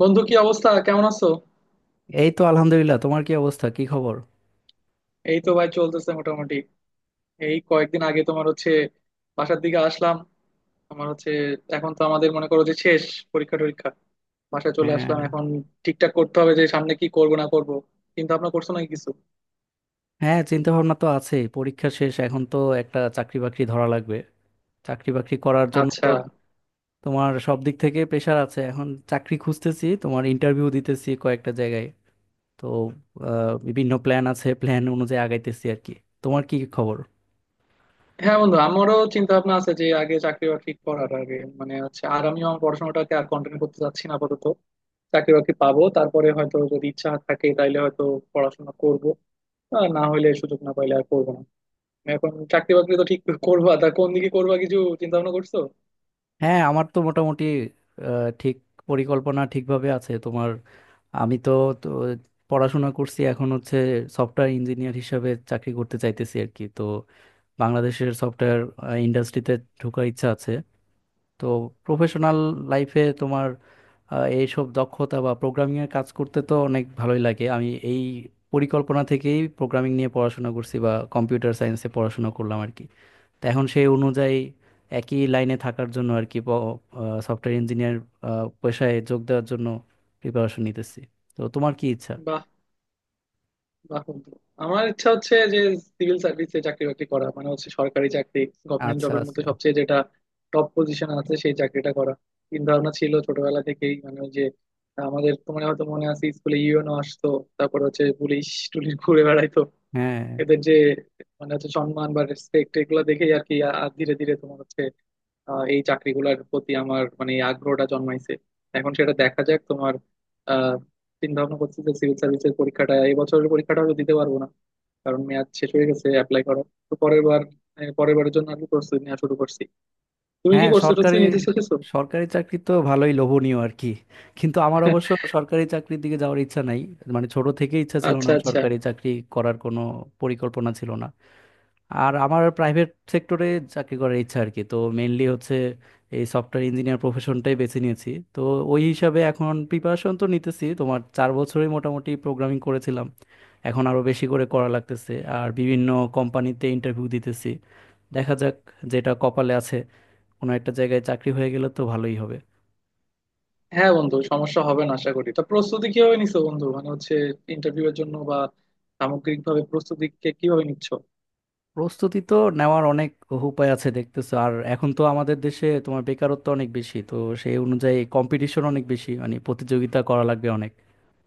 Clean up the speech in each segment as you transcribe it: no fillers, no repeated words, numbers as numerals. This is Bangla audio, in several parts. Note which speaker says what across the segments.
Speaker 1: বন্ধু, কি অবস্থা? কেমন আছো?
Speaker 2: এই তো আলহামদুলিল্লাহ। তোমার কি অবস্থা, কি খবর?
Speaker 1: এই তো ভাই, চলতেছে মোটামুটি। এই কয়েকদিন আগে তোমার হচ্ছে বাসার দিকে আসলাম। আমার হচ্ছে এখন তো আমাদের মনে করো যে শেষ পরীক্ষা টরীক্ষা বাসায় চলে
Speaker 2: হ্যাঁ।
Speaker 1: আসলাম। এখন ঠিকঠাক করতে হবে যে সামনে কি করব না করব, চিন্তা ভাবনা করছো নাকি কিছু?
Speaker 2: হ্যাঁ, চিন্তা ভাবনা তো আছে, পরীক্ষা শেষ এখন তো একটা চাকরি বাকরি ধরা লাগবে। চাকরি বাকরি করার জন্য
Speaker 1: আচ্ছা।
Speaker 2: তো, তোমার সব দিক থেকে প্রেশার আছে, এখন চাকরি খুঁজতেছি, তোমার ইন্টারভিউ দিতেছি কয়েকটা জায়গায়। তো, বিভিন্ন প্ল্যান আছে, প্ল্যান অনুযায়ী আগাইতেছি আর কি। তোমার কি খবর?
Speaker 1: হ্যাঁ বন্ধু, আমারও চিন্তা ভাবনা আছে যে আগে চাকরি বাকরি করার আগে মানে হচ্ছে, আর আমিও আমার পড়াশোনাটাকে আর কন্টিনিউ করতে চাচ্ছি না আপাতত। চাকরি বাকরি পাবো, তারপরে হয়তো যদি ইচ্ছা থাকে তাইলে হয়তো পড়াশোনা করব, আর না হলে সুযোগ না পাইলে আর করবো না। এখন চাকরি বাকরি তো ঠিক করবা, তা কোন দিকে করবা, কিছু চিন্তা ভাবনা করছো?
Speaker 2: হ্যাঁ, আমার তো মোটামুটি ঠিক পরিকল্পনা ঠিকভাবে আছে তোমার। আমি তো, তো পড়াশোনা করছি এখন হচ্ছে, সফটওয়্যার ইঞ্জিনিয়ার হিসাবে চাকরি করতে চাইতেছি আর কি। তো বাংলাদেশের সফটওয়্যার ইন্ডাস্ট্রিতে ঢোকার ইচ্ছা আছে। তো প্রফেশনাল লাইফে তোমার, এইসব দক্ষতা বা প্রোগ্রামিং এর কাজ করতে তো অনেক ভালোই লাগে। আমি এই পরিকল্পনা থেকেই প্রোগ্রামিং নিয়ে পড়াশোনা করছি, বা কম্পিউটার সায়েন্সে পড়াশোনা করলাম আর কি। তো এখন সেই অনুযায়ী একই লাইনে থাকার জন্য আর কি, সফটওয়্যার ইঞ্জিনিয়ার পেশায় যোগ দেওয়ার জন্য প্রিপারেশন নিতেছি। তো তোমার কি ইচ্ছা?
Speaker 1: বাহ, বাহ বন্ধু। আমার ইচ্ছা হচ্ছে যে সিভিল সার্ভিসে চাকরি বাকরি করা, মানে হচ্ছে সরকারি চাকরি। গভর্নমেন্ট
Speaker 2: আচ্ছা,
Speaker 1: জবের মধ্যে
Speaker 2: আচ্ছা।
Speaker 1: সবচেয়ে যেটা টপ পজিশন আছে সেই চাকরিটা করা চিন্তা ভাবনা ছিল ছোটবেলা থেকেই। মানে ওই যে আমাদের, তোমার হয়তো মনে আছে, স্কুলে ইউনো আসতো, তারপর হচ্ছে পুলিশ টুলিশ ঘুরে বেড়াইতো,
Speaker 2: হ্যাঁ
Speaker 1: এদের যে মানে হচ্ছে সম্মান বা রেসপেক্ট, এগুলো দেখেই আর কি ধীরে ধীরে তোমার হচ্ছে এই চাকরিগুলোর প্রতি আমার মানে এই আগ্রহটা জন্মাইছে। এখন সেটা দেখা যাক। তোমার আহ চিন্তা ভাবনা করছি যে সিভিল সার্ভিসের পরীক্ষাটা, এই বছরের পরীক্ষাটা হয়তো দিতে পারবো না, কারণ মেয়াদ শেষ হয়ে গেছে অ্যাপ্লাই করা। তো পরের বার, পরের বারের জন্য আর কি প্রস্তুতি নেওয়া শুরু করছি। তুমি কি
Speaker 2: হ্যাঁ,
Speaker 1: প্রস্তুতি
Speaker 2: সরকারি
Speaker 1: টস্তুতি নিতে শিখেছো?
Speaker 2: সরকারি চাকরি তো ভালোই লোভনীয় আর কি। কিন্তু আমার অবশ্য সরকারি চাকরির দিকে যাওয়ার ইচ্ছা নাই। মানে ছোট থেকে ইচ্ছা ছিল না,
Speaker 1: আচ্ছা, আচ্ছা।
Speaker 2: সরকারি চাকরি করার কোনো পরিকল্পনা ছিল না। আর আমার প্রাইভেট সেক্টরে চাকরি করার ইচ্ছা আর কি। তো মেইনলি হচ্ছে এই সফটওয়্যার ইঞ্জিনিয়ার প্রফেশনটাই বেছে নিয়েছি। তো ওই হিসাবে এখন প্রিপারেশন তো নিতেছি, তোমার চার বছরই মোটামুটি প্রোগ্রামিং করেছিলাম, এখন আরো বেশি করে করা লাগতেছে। আর বিভিন্ন কোম্পানিতে ইন্টারভিউ দিতেছি, দেখা যাক যেটা কপালে আছে। কোনো একটা জায়গায় চাকরি হয়ে গেলে তো ভালোই হবে।
Speaker 1: হ্যাঁ বন্ধু, সমস্যা হবে না আশা করি। তা প্রস্তুতি কিভাবে নিছো বন্ধু, মানে হচ্ছে ইন্টারভিউ এর জন্য বা সামগ্রিকভাবে প্রস্তুতি কিভাবে নিচ্ছ?
Speaker 2: প্রস্তুতি তো নেওয়ার অনেক উপায় আছে দেখতেছো। আর এখন তো আমাদের দেশে তোমার বেকারত্ব অনেক বেশি, তো সেই অনুযায়ী কম্পিটিশন অনেক বেশি, মানে প্রতিযোগিতা করা লাগবে অনেক।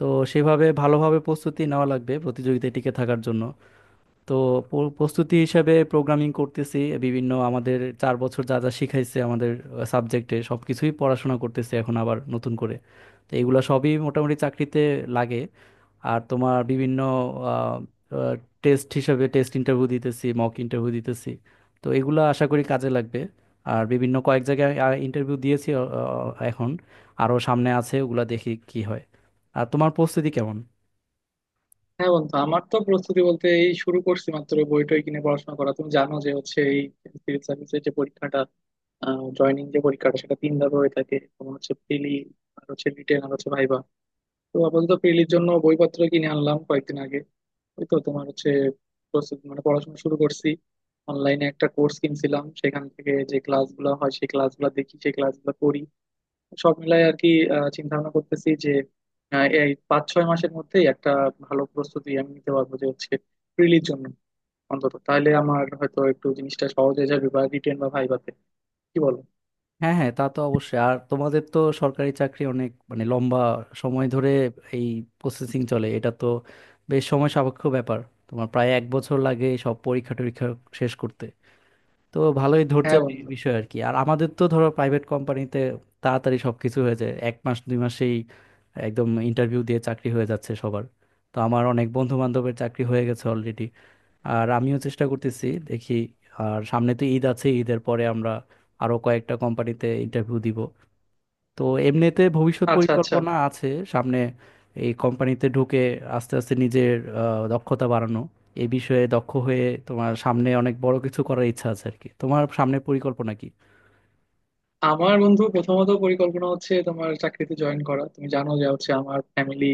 Speaker 2: তো সেভাবে ভালোভাবে প্রস্তুতি নেওয়া লাগবে প্রতিযোগিতায় টিকে থাকার জন্য। তো প্রস্তুতি হিসাবে প্রোগ্রামিং করতেছি বিভিন্ন, আমাদের চার বছর যা যা শিখাইছে আমাদের সাবজেক্টে সব কিছুই পড়াশোনা করতেছি এখন আবার নতুন করে। তো এগুলো সবই মোটামুটি চাকরিতে লাগে। আর তোমার বিভিন্ন টেস্ট হিসাবে টেস্ট ইন্টারভিউ দিতেছি, মক ইন্টারভিউ দিতেছি। তো এগুলো আশা করি কাজে লাগবে। আর বিভিন্ন কয়েক জায়গায় ইন্টারভিউ দিয়েছি, আ, আ, এখন আরও সামনে আছে, ওগুলা দেখি কি হয়। আর তোমার প্রস্তুতি কেমন?
Speaker 1: হ্যাঁ বন্ধু, আমার তো প্রস্তুতি বলতে এই শুরু করছি মাত্র, বই টই কিনে পড়াশোনা করা। তুমি জানো যে হচ্ছে এই সিভিল সার্ভিসের যে পরীক্ষাটা, জয়নিং যে পরীক্ষাটা, সেটা 3 ধাপে হয়ে থাকে। তোমার হচ্ছে প্রিলি, আর হচ্ছে রিটেন, আর হচ্ছে ভাইবা। তো আপাতত প্রিলির জন্য বইপত্র কিনে আনলাম কয়েকদিন আগে। ওই তো তোমার হচ্ছে প্রস্তুতি, মানে পড়াশোনা শুরু করছি। অনলাইনে একটা কোর্স কিনছিলাম, সেখান থেকে যে ক্লাসগুলো হয় সেই ক্লাসগুলো দেখি, সেই ক্লাসগুলো করি, সব মিলাই আর কি। চিন্তা ভাবনা করতেছি যে এই 5-6 মাসের মধ্যেই একটা ভালো প্রস্তুতি আমি নিতে পারবো, যে হচ্ছে প্রিলির জন্য অন্তত। তাহলে আমার হয়তো একটু জিনিসটা সহজ হয়ে যাবে বা রিটেন বা ভাইভাতে। কি বলো?
Speaker 2: হ্যাঁ, হ্যাঁ, তা তো অবশ্যই। আর তোমাদের তো সরকারি চাকরি অনেক মানে লম্বা সময় ধরে এই প্রসেসিং চলে, এটা তো বেশ সময় সাপেক্ষ ব্যাপার। তোমার প্রায় এক বছর লাগে এই সব পরীক্ষা টরীক্ষা শেষ করতে। তো ভালোই
Speaker 1: হ্যাঁ
Speaker 2: ধৈর্যের
Speaker 1: বন্ধু।
Speaker 2: বিষয় আর কি। আর আমাদের তো ধরো প্রাইভেট কোম্পানিতে তাড়াতাড়ি সবকিছু হয়ে যায় এক মাস দুই মাসেই, একদম ইন্টারভিউ দিয়ে চাকরি হয়ে যাচ্ছে সবার। তো আমার অনেক বন্ধু বান্ধবের চাকরি হয়ে গেছে অলরেডি। আর আমিও চেষ্টা করতেছি দেখি। আর সামনে তো ঈদ আছে, ঈদের পরে আমরা আরো কয়েকটা কোম্পানিতে ইন্টারভিউ দিব। তো এমনিতে ভবিষ্যৎ
Speaker 1: আচ্ছা, আচ্ছা।
Speaker 2: পরিকল্পনা আছে সামনে, এই কোম্পানিতে ঢুকে আস্তে আস্তে নিজের দক্ষতা বাড়ানো, এই বিষয়ে দক্ষ হয়ে তোমার সামনে অনেক বড় কিছু করার ইচ্ছা আছে আর কি। তোমার সামনে পরিকল্পনা কি?
Speaker 1: আমার বন্ধু প্রথমত পরিকল্পনা হচ্ছে তোমার চাকরিতে জয়েন করা। তুমি জানো যে হচ্ছে আমার ফ্যামিলি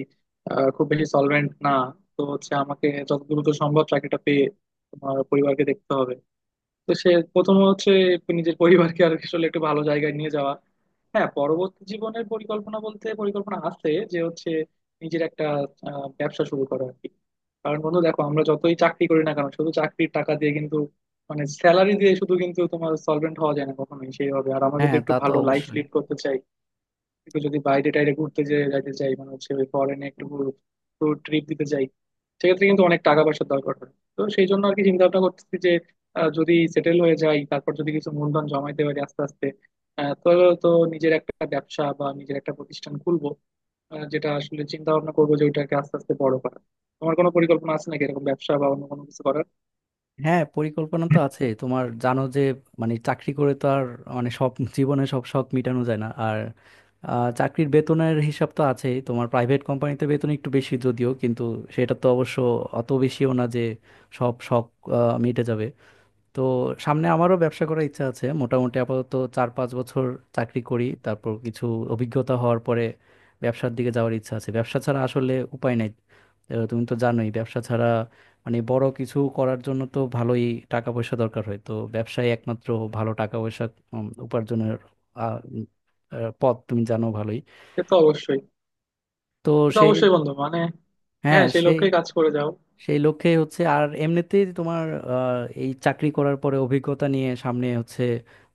Speaker 1: খুব বেশি সলভেন্ট না, তো হচ্ছে আমাকে যত দ্রুত সম্ভব চাকরিটা পেয়ে তোমার পরিবারকে দেখতে হবে। তো সে প্রথম হচ্ছে নিজের পরিবারকে আর আসলে একটু ভালো জায়গায় নিয়ে যাওয়া। হ্যাঁ, পরবর্তী জীবনের পরিকল্পনা বলতে পরিকল্পনা আছে যে হচ্ছে নিজের একটা ব্যবসা শুরু করা আর কি। কারণ বন্ধু দেখো, আমরা যতই চাকরি করি না কেন, শুধু চাকরির টাকা দিয়ে কিন্তু, মানে স্যালারি দিয়ে শুধু কিন্তু তোমার সলভেন্ট হওয়া যায় না কখনোই সেইভাবে। আর আমরা
Speaker 2: হ্যাঁ,
Speaker 1: যদি একটু
Speaker 2: তা তো
Speaker 1: ভালো লাইফ
Speaker 2: অবশ্যই।
Speaker 1: লিড করতে চাই, একটু যদি বাইরে টাইরে ঘুরতে যাইতে চাই, মানে হচ্ছে ওই ফরেনে একটু ট্রিপ দিতে চাই, সেক্ষেত্রে কিন্তু অনেক টাকা পয়সার দরকার হয়। তো সেই জন্য আর কি চিন্তা ভাবনা করতেছি যে যদি সেটেল হয়ে যাই, তারপর যদি কিছু মূলধন জমাইতে পারি আস্তে আস্তে, আহ, তো তো নিজের একটা ব্যবসা বা নিজের একটা প্রতিষ্ঠান খুলবো, যেটা আসলে চিন্তা ভাবনা করবো যে ওইটাকে আস্তে আস্তে বড় করা। তোমার কোনো পরিকল্পনা আছে নাকি এরকম ব্যবসা বা অন্য কোনো কিছু করার?
Speaker 2: হ্যাঁ, পরিকল্পনা তো আছে, তোমার জানো যে মানে চাকরি করে তো আর, মানে সব জীবনে সব শখ মেটানো যায় না আর। চাকরির বেতনের হিসাব তো আছেই, তোমার প্রাইভেট কোম্পানিতে বেতন একটু বেশি যদিও কিন্তু সেটা তো অবশ্য অত বেশিও না যে সব শখ মিটে যাবে। তো সামনে আমারও ব্যবসা করার ইচ্ছা আছে মোটামুটি, আপাতত চার পাঁচ বছর চাকরি করি তারপর কিছু অভিজ্ঞতা হওয়ার পরে ব্যবসার দিকে যাওয়ার ইচ্ছা আছে। ব্যবসা ছাড়া আসলে উপায় নাই। তুমি তো জানোই ব্যবসা ছাড়া মানে বড় কিছু করার জন্য তো ভালোই টাকা পয়সা দরকার হয়। তো ব্যবসায় একমাত্র ভালো টাকা পয়সা উপার্জনের আহ, উম, পথ তুমি জানো ভালোই।
Speaker 1: সে তো অবশ্যই,
Speaker 2: তো
Speaker 1: সে তো
Speaker 2: সেই
Speaker 1: অবশ্যই বন্ধু, মানে। হ্যাঁ
Speaker 2: হ্যাঁ,
Speaker 1: সেই
Speaker 2: সেই
Speaker 1: লক্ষ্যেই কাজ করে যাও।
Speaker 2: সেই লক্ষ্যে হচ্ছে। আর এমনিতেই তোমার এই চাকরি করার পরে অভিজ্ঞতা নিয়ে সামনে হচ্ছে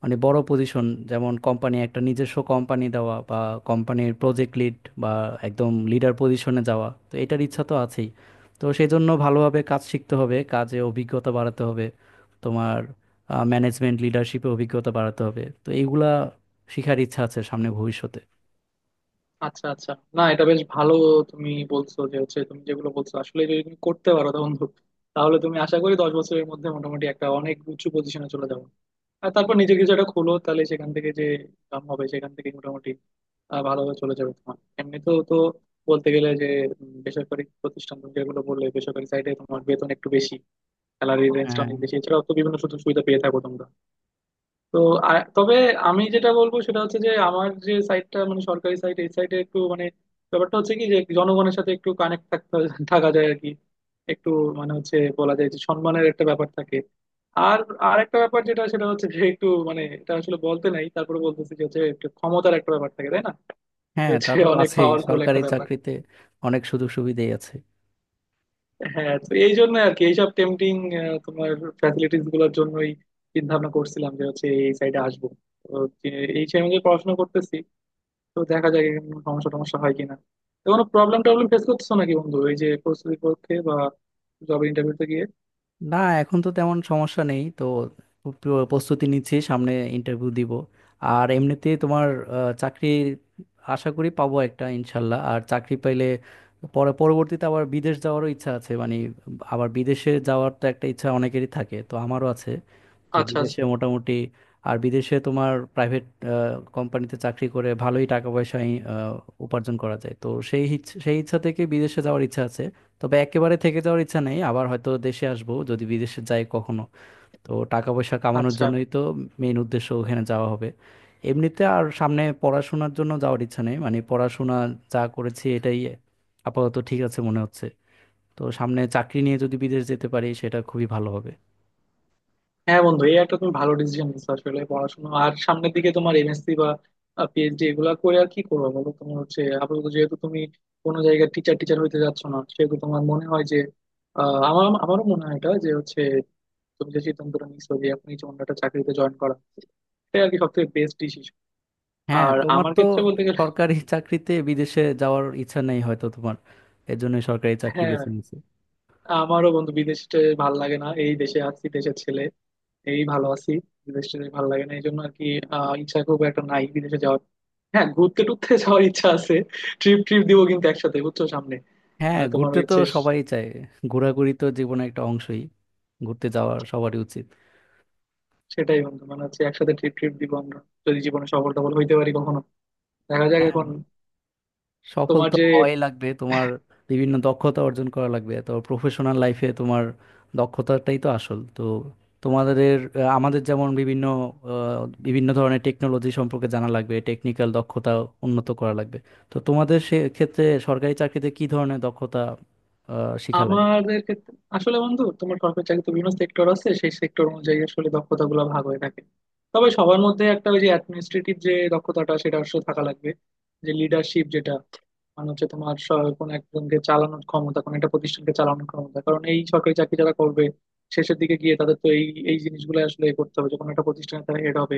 Speaker 2: মানে বড় পজিশন, যেমন কোম্পানি, একটা নিজস্ব কোম্পানি দেওয়া বা কোম্পানির প্রজেক্ট লিড বা একদম লিডার পজিশনে যাওয়া, তো এটার ইচ্ছা তো আছেই। তো সেই জন্য ভালোভাবে কাজ শিখতে হবে, কাজে অভিজ্ঞতা বাড়াতে হবে, তোমার ম্যানেজমেন্ট লিডারশিপে অভিজ্ঞতা বাড়াতে হবে। তো এইগুলা শিখার ইচ্ছা আছে সামনে ভবিষ্যতে।
Speaker 1: আচ্ছা, আচ্ছা। না, এটা বেশ ভালো। তুমি বলছো যে হচ্ছে, তুমি যেগুলো বলছো আসলে যদি তুমি করতে পারো তা বন্ধু, তাহলে তুমি আশা করি 10 বছরের মধ্যে মোটামুটি একটা অনেক উঁচু পজিশনে চলে যাবো। আর তারপর নিজের কিছু একটা খোলো, তাহলে সেখান থেকে যে ইনকাম হবে সেখান থেকে মোটামুটি ভালোভাবে চলে যাবে। তোমার এমনি তো তো বলতে গেলে যে বেসরকারি প্রতিষ্ঠান তুমি যেগুলো বললে, বেসরকারি সাইডে তোমার বেতন একটু বেশি, স্যালারি রেঞ্জটা
Speaker 2: হ্যাঁ,
Speaker 1: অনেক বেশি, এছাড়াও তো বিভিন্ন সুযোগ সুবিধা পেয়ে থাকো তোমরা। তো আর তবে আমি যেটা বলবো সেটা হচ্ছে যে, আমার যে সাইটটা মানে সরকারি সাইট, এই সাইটে একটু মানে ব্যাপারটা হচ্ছে কি যে, জনগণের সাথে একটু কানেক্ট থাকা যায় আর কি, একটু মানে হচ্ছে বলা যায় যে সম্মানের একটা ব্যাপার থাকে। আর আর একটা ব্যাপার যেটা, সেটা হচ্ছে যে একটু মানে, এটা আসলে বলতে নাই, তারপরে বলতেছি যে হচ্ছে একটু ক্ষমতার একটা ব্যাপার থাকে, তাই না? যে
Speaker 2: হ্যাঁ, তা
Speaker 1: হচ্ছে
Speaker 2: তো
Speaker 1: অনেক, হ্যাঁ,
Speaker 2: আছেই
Speaker 1: পাওয়ারফুল ক্ষমতার
Speaker 2: সরকারি
Speaker 1: একটা রাজনীতি ব্যাপার।
Speaker 2: চাকরিতে। অনেক সুযোগ সুবিধাই আছে।
Speaker 1: হ্যাঁ, তো এই জন্য আর কি, এইসব টেম্পটিং তোমার ফ্যাসিলিটিস গুলোর জন্যই চিন্তা ভাবনা করছিলাম যে হচ্ছে এই সাইডে আসবো। তো এই সময় পড়াশোনা করতেছি। তো দেখা যাক এখানে কোনো সমস্যা টমস্যা হয় কিনা। তো কোনো প্রবলেম টবলেম ফেস করতেছো নাকি বন্ধু, এই যে প্রস্তুতির পক্ষে বা জব ইন্টারভিউতে গিয়ে?
Speaker 2: না, এখন তো তেমন সমস্যা নেই। তো প্রস্তুতি নিচ্ছি, সামনে ইন্টারভিউ দিব। আর এমনিতে তোমার চাকরি আশা করি পাবো একটা ইনশাল্লাহ। আর চাকরি পাইলে পরে পরবর্তীতে আবার বিদেশ যাওয়ারও ইচ্ছা আছে মানে, আবার বিদেশে যাওয়ার তো একটা ইচ্ছা অনেকেরই থাকে, তো আমারও আছে। তো
Speaker 1: আচ্ছা,
Speaker 2: বিদেশে
Speaker 1: আচ্ছা,
Speaker 2: মোটামুটি, আর বিদেশে তোমার প্রাইভেট কোম্পানিতে চাকরি করে ভালোই টাকা পয়সা উপার্জন করা যায়, তো সেই ইচ্ছা থেকে বিদেশে যাওয়ার ইচ্ছা আছে। তবে একেবারে থেকে যাওয়ার ইচ্ছা নেই, আবার হয়তো দেশে আসবো যদি বিদেশে যাই কখনো। তো টাকা পয়সা কামানোর
Speaker 1: আচ্ছা।
Speaker 2: জন্যই তো মেইন উদ্দেশ্য ওখানে যাওয়া হবে। এমনিতে আর সামনে পড়াশোনার জন্য যাওয়ার ইচ্ছা নেই, মানে পড়াশোনা যা করেছি এটাই আপাতত ঠিক আছে মনে হচ্ছে। তো সামনে চাকরি নিয়ে যদি বিদেশ যেতে পারি সেটা খুবই ভালো হবে।
Speaker 1: হ্যাঁ বন্ধু, এই একটা তুমি ভালো ডিসিশন নিচ্ছ আসলে, পড়াশোনা আর সামনের দিকে, তোমার এমএসসি বা পিএইচডি এগুলা করে আর কি করবো বলো। তোমার হচ্ছে আপাতত যেহেতু তুমি কোনো জায়গায় টিচার টিচার হইতে যাচ্ছ না, সেহেতু তোমার মনে হয় যে আহ, আমার আমারও মনে হয় এটা, যে হচ্ছে তুমি যে সিদ্ধান্তটা নিচ্ছো যে এখনই কোনো একটা চাকরিতে জয়েন করা, সেটাই আর কি সব থেকে বেস্ট ডিসিশন।
Speaker 2: হ্যাঁ,
Speaker 1: আর
Speaker 2: তোমার
Speaker 1: আমার
Speaker 2: তো
Speaker 1: ক্ষেত্রে বলতে গেলে,
Speaker 2: সরকারি চাকরিতে বিদেশে যাওয়ার ইচ্ছা নেই হয়তো, তোমার এজন্য সরকারি চাকরি
Speaker 1: হ্যাঁ,
Speaker 2: বেছে নিয়েছি।
Speaker 1: আমারও বন্ধু বিদেশে ভাল লাগে না। এই দেশে আছি, দেশের ছেলে, এই ভালো আছি। বিদেশে ভাল লাগে না, এই জন্য আর কি ইচ্ছা খুব একটা নাই বিদেশে যাওয়ার। হ্যাঁ ঘুরতে টুরতে যাওয়ার ইচ্ছা আছে। ট্রিপ ট্রিপ দিব কিন্তু একসাথে, বুঝছো, সামনে।
Speaker 2: হ্যাঁ,
Speaker 1: মানে তোমার
Speaker 2: ঘুরতে তো
Speaker 1: ইচ্ছে।
Speaker 2: সবাই চায়। ঘোরাঘুরি তো জীবনের একটা অংশই, ঘুরতে যাওয়ার সবারই উচিত।
Speaker 1: সেটাই বন্ধু, মানে হচ্ছে একসাথে ট্রিপ ট্রিপ দিব আমরা, যদি জীবনে সফল টফল হইতে পারি কখনো। দেখা যাক
Speaker 2: হ্যাঁ,
Speaker 1: এখন।
Speaker 2: সফল
Speaker 1: তোমার
Speaker 2: তো
Speaker 1: যে
Speaker 2: হওয়াই লাগবে। তোমার বিভিন্ন দক্ষতা অর্জন করা লাগবে, তো প্রফেশনাল লাইফে তোমার দক্ষতাটাই তো আসল। তো তোমাদের আমাদের যেমন বিভিন্ন ধরনের টেকনোলজি সম্পর্কে জানা লাগবে, টেকনিক্যাল দক্ষতা উন্নত করা লাগবে। তো তোমাদের সে ক্ষেত্রে সরকারি চাকরিতে কি ধরনের দক্ষতা শিখা লাগে?
Speaker 1: আমাদের ক্ষেত্রে আসলে বন্ধু, তোমার সরকারি চাকরিতে বিভিন্ন সেক্টর আছে, সেই সেক্টর অনুযায়ী আসলে দক্ষতা গুলো ভাগ হয়ে থাকে। তবে সবার মধ্যে একটা, ওই যে অ্যাডমিনিস্ট্রেটিভ যে দক্ষতাটা, সেটা আসলে থাকা লাগবে, যে লিডারশিপ যেটা, মানে হচ্ছে তোমার কোনো একজনকে চালানোর ক্ষমতা, কোনো একটা প্রতিষ্ঠানকে চালানোর ক্ষমতা। কারণ এই সরকারি চাকরি যারা করবে, শেষের দিকে গিয়ে তাদের তো এই এই জিনিসগুলো আসলে করতে হবে, যখন একটা প্রতিষ্ঠানে তারা হেড হবে,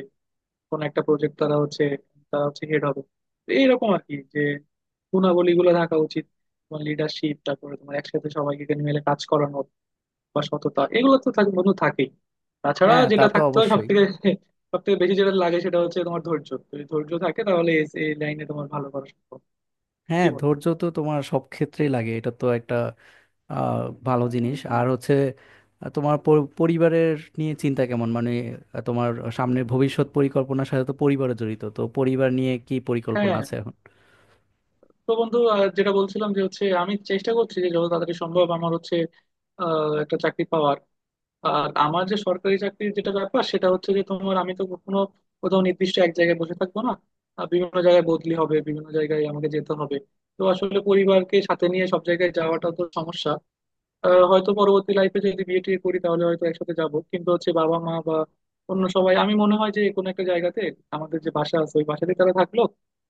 Speaker 1: কোন একটা প্রজেক্ট তারা হচ্ছে হেড হবে। তো এইরকম আর কি, যে গুণাবলী গুলো থাকা উচিত, তোমার লিডারশিপ, তারপরে তোমার একসাথে সবাইকে মিলে কাজ করানো বা সততা, এগুলো তো থাকে বন্ধু, থাকেই। তাছাড়া
Speaker 2: হ্যাঁ, তা
Speaker 1: যেটা
Speaker 2: তো
Speaker 1: থাকতে হয় সব
Speaker 2: অবশ্যই।
Speaker 1: থেকে, সব থেকে বেশি যেটা লাগে সেটা হচ্ছে তোমার ধৈর্য। যদি ধৈর্য থাকে তাহলে এই, এই লাইনে তোমার ভালো করা সম্ভব।
Speaker 2: হ্যাঁ,
Speaker 1: কি বল?
Speaker 2: ধৈর্য তো তোমার সব ক্ষেত্রেই লাগে, এটা তো একটা আহ, ভালো জিনিস। আর হচ্ছে তোমার পরিবারের নিয়ে চিন্তা কেমন মানে, তোমার সামনের ভবিষ্যৎ পরিকল্পনার সাথে তো পরিবার জড়িত, তো পরিবার নিয়ে কি পরিকল্পনা
Speaker 1: হ্যাঁ।
Speaker 2: আছে এখন?
Speaker 1: তো বন্ধু, আর যেটা বলছিলাম যে হচ্ছে আমি চেষ্টা করছি যে যত তাড়াতাড়ি সম্ভব আমার হচ্ছে একটা চাকরি পাওয়ার। আর আমার যে সরকারি চাকরির যেটা ব্যাপার, সেটা হচ্ছে যে তোমার আমি তো কোনো, কোথাও নির্দিষ্ট এক জায়গায় বসে থাকবো না, বিভিন্ন জায়গায় বদলি হবে, বিভিন্ন জায়গায় আমাকে যেতে হবে। তো আসলে পরিবারকে সাথে নিয়ে সব জায়গায় যাওয়াটা তো সমস্যা। হয়তো পরবর্তী লাইফে যদি বিয়ে টিয়ে করি তাহলে হয়তো একসাথে যাব, কিন্তু হচ্ছে বাবা মা বা অন্য সবাই, আমি মনে হয় যে কোনো একটা জায়গাতে, আমাদের যে বাসা আছে ওই বাসাতে তারা থাকলো,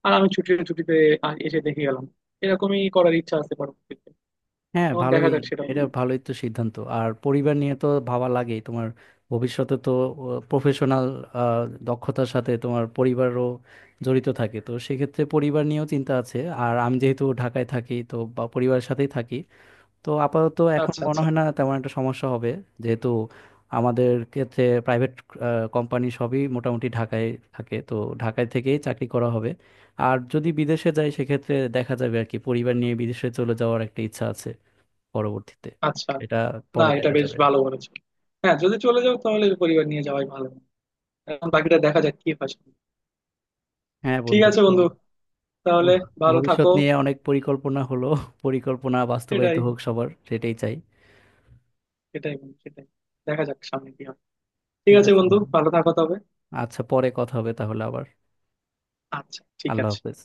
Speaker 1: আর আমি ছুটিতে ছুটিতে এসে দেখে গেলাম, এরকমই করার ইচ্ছা আছে পরবর্তীতে।
Speaker 2: হ্যাঁ,
Speaker 1: তখন দেখা
Speaker 2: ভালোই।
Speaker 1: যাক সেটা।
Speaker 2: এটা ভালোই তো সিদ্ধান্ত, আর পরিবার নিয়ে তো ভাবা লাগেই। তোমার ভবিষ্যতে তো প্রফেশনাল দক্ষতার সাথে তোমার পরিবারও জড়িত থাকে, তো সেক্ষেত্রে পরিবার নিয়েও চিন্তা আছে। আর আমি যেহেতু ঢাকায় থাকি, তো বা পরিবারের সাথেই থাকি, তো আপাতত এখন
Speaker 1: আচ্ছা,
Speaker 2: মনে
Speaker 1: আচ্ছা,
Speaker 2: হয় না তেমন একটা সমস্যা হবে। যেহেতু আমাদের ক্ষেত্রে প্রাইভেট কোম্পানি সবই মোটামুটি ঢাকায় থাকে, তো ঢাকায় থেকেই চাকরি করা হবে। আর যদি বিদেশে যাই সেক্ষেত্রে দেখা যাবে আর কি, পরিবার নিয়ে বিদেশে চলে যাওয়ার একটা ইচ্ছা আছে পরবর্তীতে।
Speaker 1: আচ্ছা।
Speaker 2: এটা
Speaker 1: না,
Speaker 2: পরে
Speaker 1: এটা
Speaker 2: দেখা
Speaker 1: বেশ
Speaker 2: যাবে।
Speaker 1: ভালো বলেছো। হ্যাঁ, যদি চলে যাও তাহলে পরিবার নিয়ে যাওয়াই ভালো। এখন বাকিটা দেখা যাক কি হয় সামনে।
Speaker 2: হ্যাঁ
Speaker 1: ঠিক
Speaker 2: বন্ধু,
Speaker 1: আছে
Speaker 2: তো
Speaker 1: বন্ধু, তাহলে
Speaker 2: উহ,
Speaker 1: ভালো থাকো।
Speaker 2: ভবিষ্যৎ নিয়ে অনেক পরিকল্পনা হলো, পরিকল্পনা বাস্তবায়িত
Speaker 1: সেটাই,
Speaker 2: হোক সবার, সেটাই চাই।
Speaker 1: সেটাই বন্ধু, সেটাই। দেখা যাক সামনে কি হয়। ঠিক
Speaker 2: ঠিক
Speaker 1: আছে
Speaker 2: আছে
Speaker 1: বন্ধু,
Speaker 2: বন্ধু,
Speaker 1: ভালো থাকো তবে।
Speaker 2: আচ্ছা পরে কথা হবে তাহলে আবার।
Speaker 1: আচ্ছা, ঠিক
Speaker 2: আল্লাহ
Speaker 1: আছে।
Speaker 2: হাফেজ।